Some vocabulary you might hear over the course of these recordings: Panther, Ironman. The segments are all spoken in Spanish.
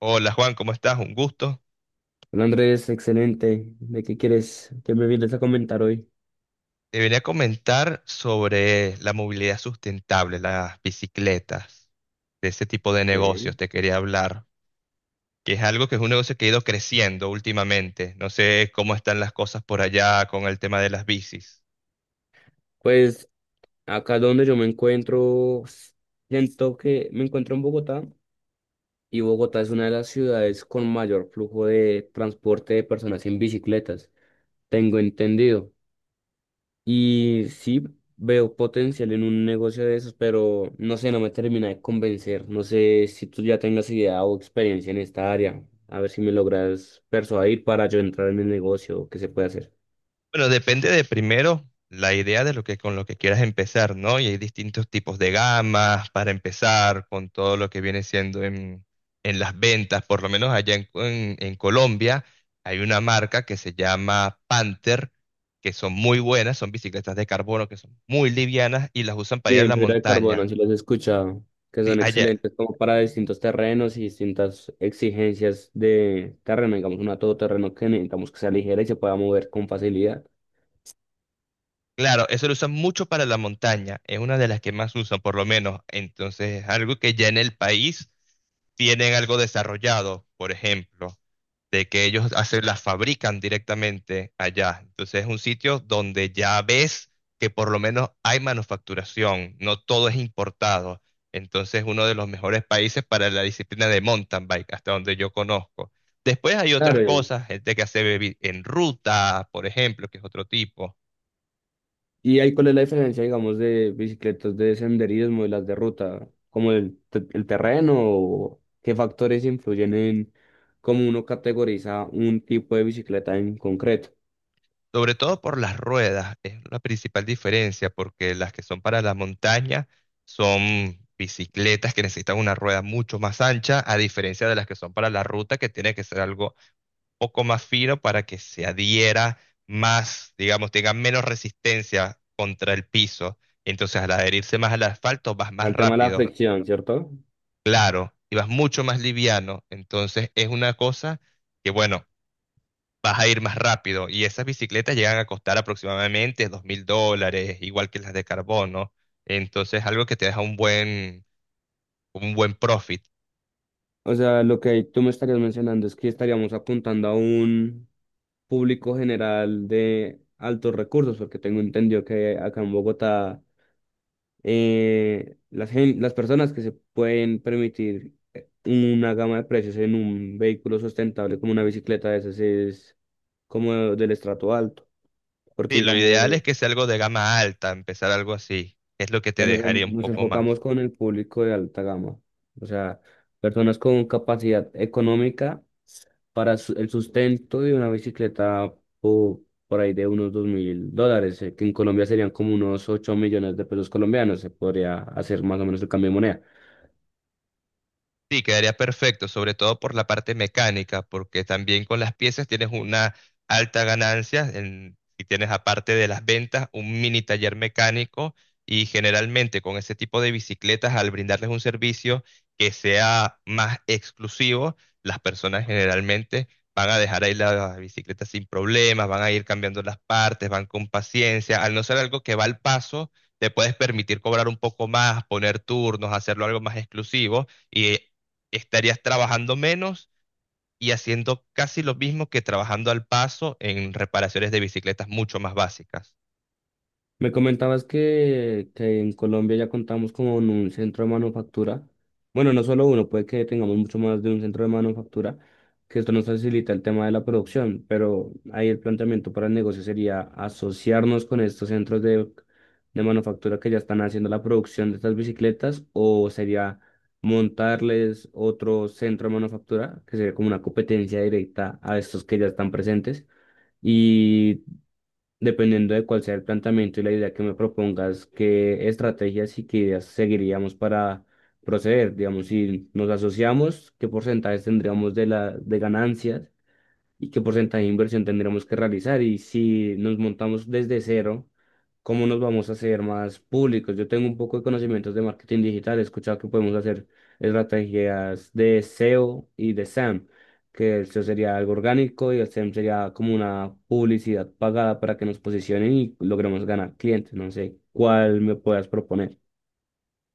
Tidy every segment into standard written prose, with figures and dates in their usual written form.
Hola Juan, ¿cómo estás? Un gusto. Hola Andrés, excelente. ¿De qué quieres que me vienes a comentar hoy? Te venía a comentar sobre la movilidad sustentable, las bicicletas, de ese tipo de Ok. negocios te quería hablar, que es algo que es un negocio que ha ido creciendo últimamente. No sé cómo están las cosas por allá con el tema de las bicis. Pues acá donde yo me encuentro, siento que me encuentro en Bogotá y Bogotá es una de las ciudades con mayor flujo de transporte de personas en bicicletas, tengo entendido. Y sí veo potencial en un negocio de esos, pero no sé, no me termina de convencer. No sé si tú ya tengas idea o experiencia en esta área. A ver si me logras persuadir para yo entrar en el negocio, qué se puede hacer. Bueno, depende de primero la idea de lo que con lo que quieras empezar, ¿no? Y hay distintos tipos de gamas para empezar con todo lo que viene siendo en las ventas, por lo menos allá en Colombia hay una marca que se llama Panther, que son muy buenas, son bicicletas de carbono que son muy livianas y las usan para Y ir a en la fibra de carbono, montaña. si los he escuchado, que Sí, son allá, excelentes como para distintos terrenos y distintas exigencias de terreno, digamos, una todoterreno que necesitamos que sea ligera y se pueda mover con facilidad. claro, eso lo usan mucho para la montaña, es una de las que más usan por lo menos, entonces es algo que ya en el país tienen algo desarrollado, por ejemplo, de que ellos hacen, las fabrican directamente allá, entonces es un sitio donde ya ves que por lo menos hay manufacturación, no todo es importado, entonces uno de los mejores países para la disciplina de mountain bike, hasta donde yo conozco. Después hay otras Claro, y cosas, gente que hace en ruta, por ejemplo, que es otro tipo. y ahí cuál es la diferencia, digamos, de bicicletas de senderismo y las de ruta, como el terreno o qué factores influyen en cómo uno categoriza un tipo de bicicleta en concreto. Sobre todo por las ruedas, es la principal diferencia, porque las que son para la montaña son bicicletas que necesitan una rueda mucho más ancha, a diferencia de las que son para la ruta, que tiene que ser algo poco más fino para que se adhiera más, digamos, tenga menos resistencia contra el piso. Entonces, al adherirse más al asfalto, vas más El tema de la rápido, fricción, ¿cierto? claro, y vas mucho más liviano. Entonces, es una cosa que, bueno, vas a ir más rápido. Y esas bicicletas llegan a costar aproximadamente 2000 dólares, igual que las de carbono. Entonces, algo que te deja un buen profit. O sea, lo que tú me estarías mencionando es que estaríamos apuntando a un público general de altos recursos, porque tengo entendido que acá en Bogotá las personas que se pueden permitir una gama de precios en un vehículo sustentable como una bicicleta de esas es como del estrato alto, porque Sí, lo ideal digamos, es que sea algo de gama alta, empezar algo así. Es lo que te dejaría un nos poco enfocamos más. con el público de alta gama, o sea, personas con capacidad económica para el sustento de una bicicleta po- por ahí de unos $2,000, que en Colombia serían como unos 8 millones de pesos colombianos, se podría hacer más o menos el cambio de moneda. Sí, quedaría perfecto, sobre todo por la parte mecánica, porque también con las piezas tienes una alta ganancia en- si tienes aparte de las ventas un mini taller mecánico y generalmente con ese tipo de bicicletas al brindarles un servicio que sea más exclusivo, las personas generalmente van a dejar ahí la bicicleta sin problemas, van a ir cambiando las partes, van con paciencia, al no ser algo que va al paso, te puedes permitir cobrar un poco más, poner turnos, hacerlo algo más exclusivo y estarías trabajando menos y haciendo casi lo mismo que trabajando al paso en reparaciones de bicicletas mucho más básicas. Me comentabas que en Colombia ya contamos con un centro de manufactura. Bueno, no solo uno, puede que tengamos mucho más de un centro de manufactura, que esto nos facilita el tema de la producción, pero ahí el planteamiento para el negocio sería asociarnos con estos centros de manufactura que ya están haciendo la producción de estas bicicletas, o sería montarles otro centro de manufactura, que sería como una competencia directa a estos que ya están presentes. Y dependiendo de cuál sea el planteamiento y la idea que me propongas, qué estrategias y qué ideas seguiríamos para proceder. Digamos, si nos asociamos, qué porcentajes tendríamos de de ganancias y qué porcentaje de inversión tendremos que realizar y si nos montamos desde cero, cómo nos vamos a hacer más públicos. Yo tengo un poco de conocimientos de marketing digital, he escuchado que podemos hacer estrategias de SEO y de SEM, que el SEO sería algo orgánico y el SEM sería como una publicidad pagada para que nos posicionen y logremos ganar clientes. No sé cuál me puedas proponer.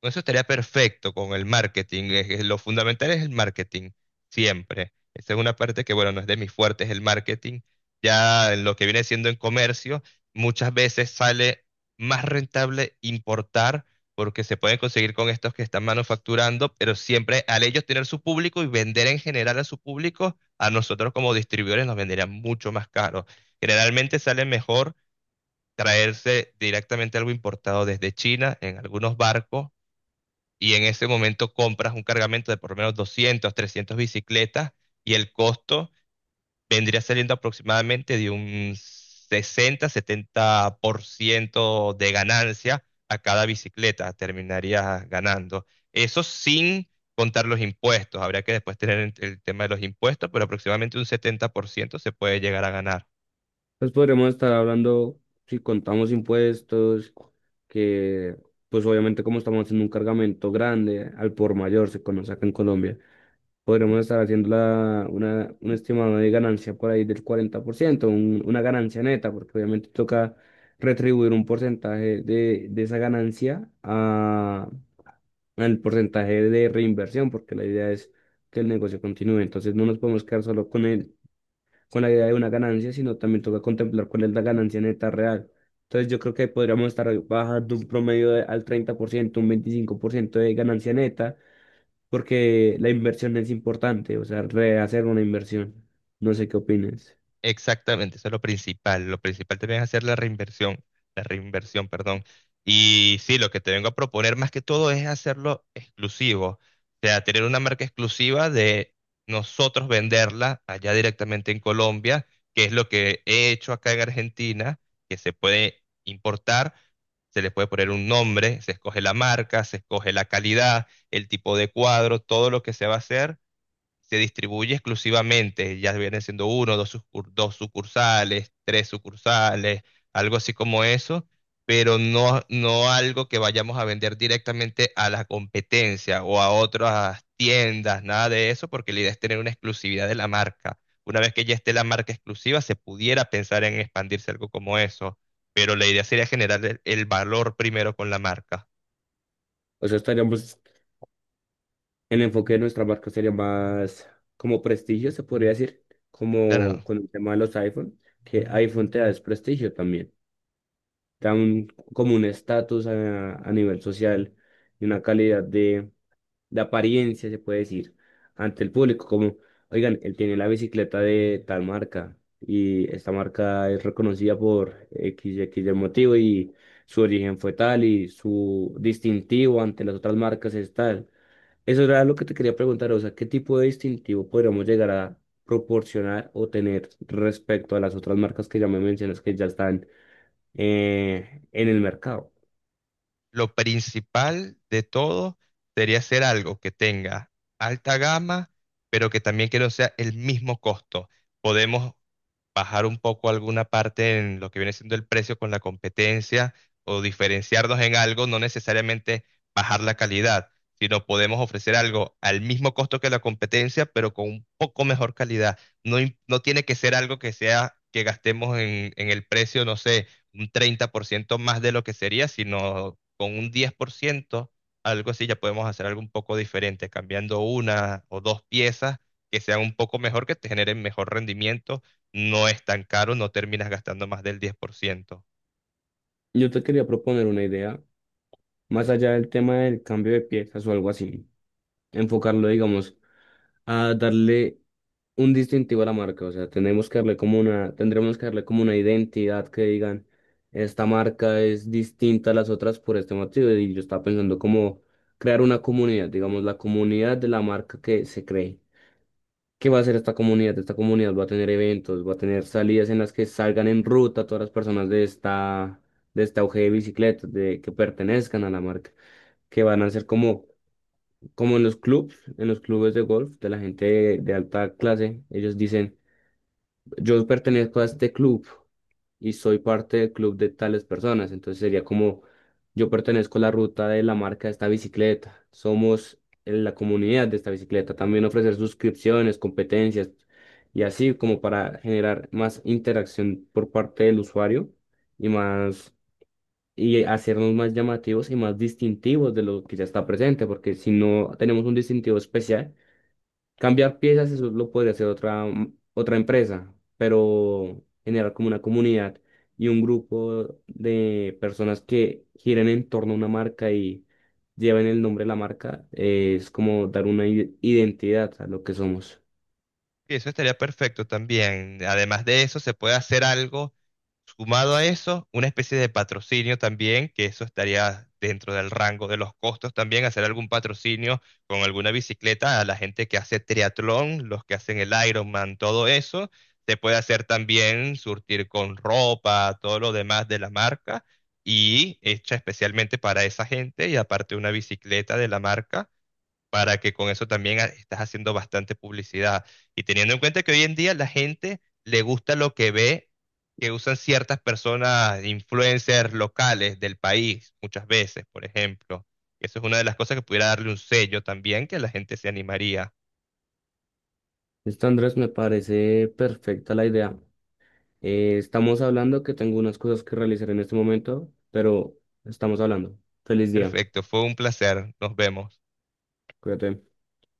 Con eso estaría perfecto con el marketing. Lo fundamental es el marketing, siempre. Esa es una parte que, bueno, no es de mis fuertes, el marketing. Ya en lo que viene siendo en comercio, muchas veces sale más rentable importar porque se pueden conseguir con estos que están manufacturando, pero siempre al ellos tener su público y vender en general a su público, a nosotros como distribuidores nos venderían mucho más caro. Generalmente sale mejor traerse directamente algo importado desde China en algunos barcos y en ese momento compras un cargamento de por lo menos 200, 300 bicicletas y el costo vendría saliendo aproximadamente de un 60, 70% de ganancia a cada bicicleta, terminarías ganando. Eso sin contar los impuestos, habría que después tener el tema de los impuestos, pero aproximadamente un 70% se puede llegar a ganar. Pues podremos estar hablando, si contamos impuestos, que pues obviamente como estamos haciendo un cargamento grande, al por mayor se conoce acá en Colombia, podremos estar haciendo un estimado de ganancia por ahí del 40%, una ganancia neta, porque obviamente toca retribuir un porcentaje de esa ganancia al porcentaje de reinversión, porque la idea es que el negocio continúe. Entonces no nos podemos quedar solo con el con la idea de una ganancia, sino también toca contemplar cuál es la ganancia neta real. Entonces yo creo que podríamos estar bajando un al 30%, un 25% de ganancia neta, porque la inversión es importante, o sea, rehacer una inversión. No sé qué opines. Exactamente, eso es lo principal. Lo principal también es hacer la reinversión, perdón. Y sí, lo que te vengo a proponer más que todo es hacerlo exclusivo. O sea, tener una marca exclusiva de nosotros venderla allá directamente en Colombia, que es lo que he hecho acá en Argentina, que se puede importar, se le puede poner un nombre, se escoge la marca, se escoge la calidad, el tipo de cuadro, todo lo que se va a hacer se distribuye exclusivamente, ya vienen siendo uno, dos, dos sucursales, tres sucursales, algo así como eso, pero no, no algo que vayamos a vender directamente a la competencia o a otras tiendas, nada de eso, porque la idea es tener una exclusividad de la marca. Una vez que ya esté la marca exclusiva, se pudiera pensar en expandirse algo como eso, pero la idea sería generar el valor primero con la marca. O sea, el enfoque de nuestra marca sería más como prestigio, se podría decir, como Claro, con el tema de los iPhone, que iPhone te da es prestigio también, te da como un estatus a nivel social y una calidad de apariencia, se puede decir, ante el público, como, oigan, él tiene la bicicleta de tal marca y esta marca es reconocida por X, X del motivo y su origen fue tal y su distintivo ante las otras marcas es tal. Eso era lo que te quería preguntar, o sea, ¿qué tipo de distintivo podríamos llegar a proporcionar o tener respecto a las otras marcas que ya me mencionas que ya están en el mercado? lo principal de todo sería hacer algo que tenga alta gama, pero que también que no sea el mismo costo. Podemos bajar un poco alguna parte en lo que viene siendo el precio con la competencia o diferenciarnos en algo, no necesariamente bajar la calidad, sino podemos ofrecer algo al mismo costo que la competencia, pero con un poco mejor calidad. No, no tiene que ser algo que sea que gastemos en el precio, no sé, un 30% más de lo que sería, sino con un 10% algo así, ya podemos hacer algo un poco diferente, cambiando una o dos piezas que sean un poco mejor, que te generen mejor rendimiento, no es tan caro, no terminas gastando más del 10%. Yo te quería proponer una idea, más allá del tema del cambio de piezas o algo así, enfocarlo, digamos, a darle un distintivo a la marca. O sea, tenemos que darle como una, tendremos que darle como una identidad que digan, esta marca es distinta a las otras por este motivo. Y yo estaba pensando como crear una comunidad, digamos, la comunidad de la marca que se cree. ¿Qué va a hacer esta comunidad? Esta comunidad va a tener eventos, va a tener salidas en las que salgan en ruta todas las personas de esta, de este auge de bicicletas, de que pertenezcan a la marca, que van a ser como como en los clubs, en los clubes de golf de la gente de alta clase, ellos dicen, yo pertenezco a este club y soy parte del club de tales personas, entonces sería como, yo pertenezco a la ruta de la marca de esta bicicleta, somos en la comunidad de esta bicicleta, también ofrecer suscripciones, competencias y así como para generar más interacción por parte del usuario y más, y hacernos más llamativos y más distintivos de lo que ya está presente, porque si no tenemos un distintivo especial, cambiar piezas, eso lo podría hacer otra empresa, pero generar como una comunidad y un grupo de personas que giren en torno a una marca y lleven el nombre de la marca, es como dar una identidad a lo que somos. Y eso estaría perfecto también. Además de eso, se puede hacer algo sumado a eso, una especie de patrocinio también, que eso estaría dentro del rango de los costos también, hacer algún patrocinio con alguna bicicleta a la gente que hace triatlón, los que hacen el Ironman, todo eso. Se puede hacer también surtir con ropa, todo lo demás de la marca y hecha especialmente para esa gente y aparte una bicicleta de la marca para que con eso también estás haciendo bastante publicidad. Y teniendo en cuenta que hoy en día la gente le gusta lo que ve, que usan ciertas personas, influencers locales del país, muchas veces, por ejemplo. Eso es una de las cosas que pudiera darle un sello también, que la gente se animaría. Listo, Andrés, me parece perfecta la idea. Estamos hablando que tengo unas cosas que realizar en este momento, pero estamos hablando. Feliz día. Perfecto, fue un placer. Nos vemos. Cuídate.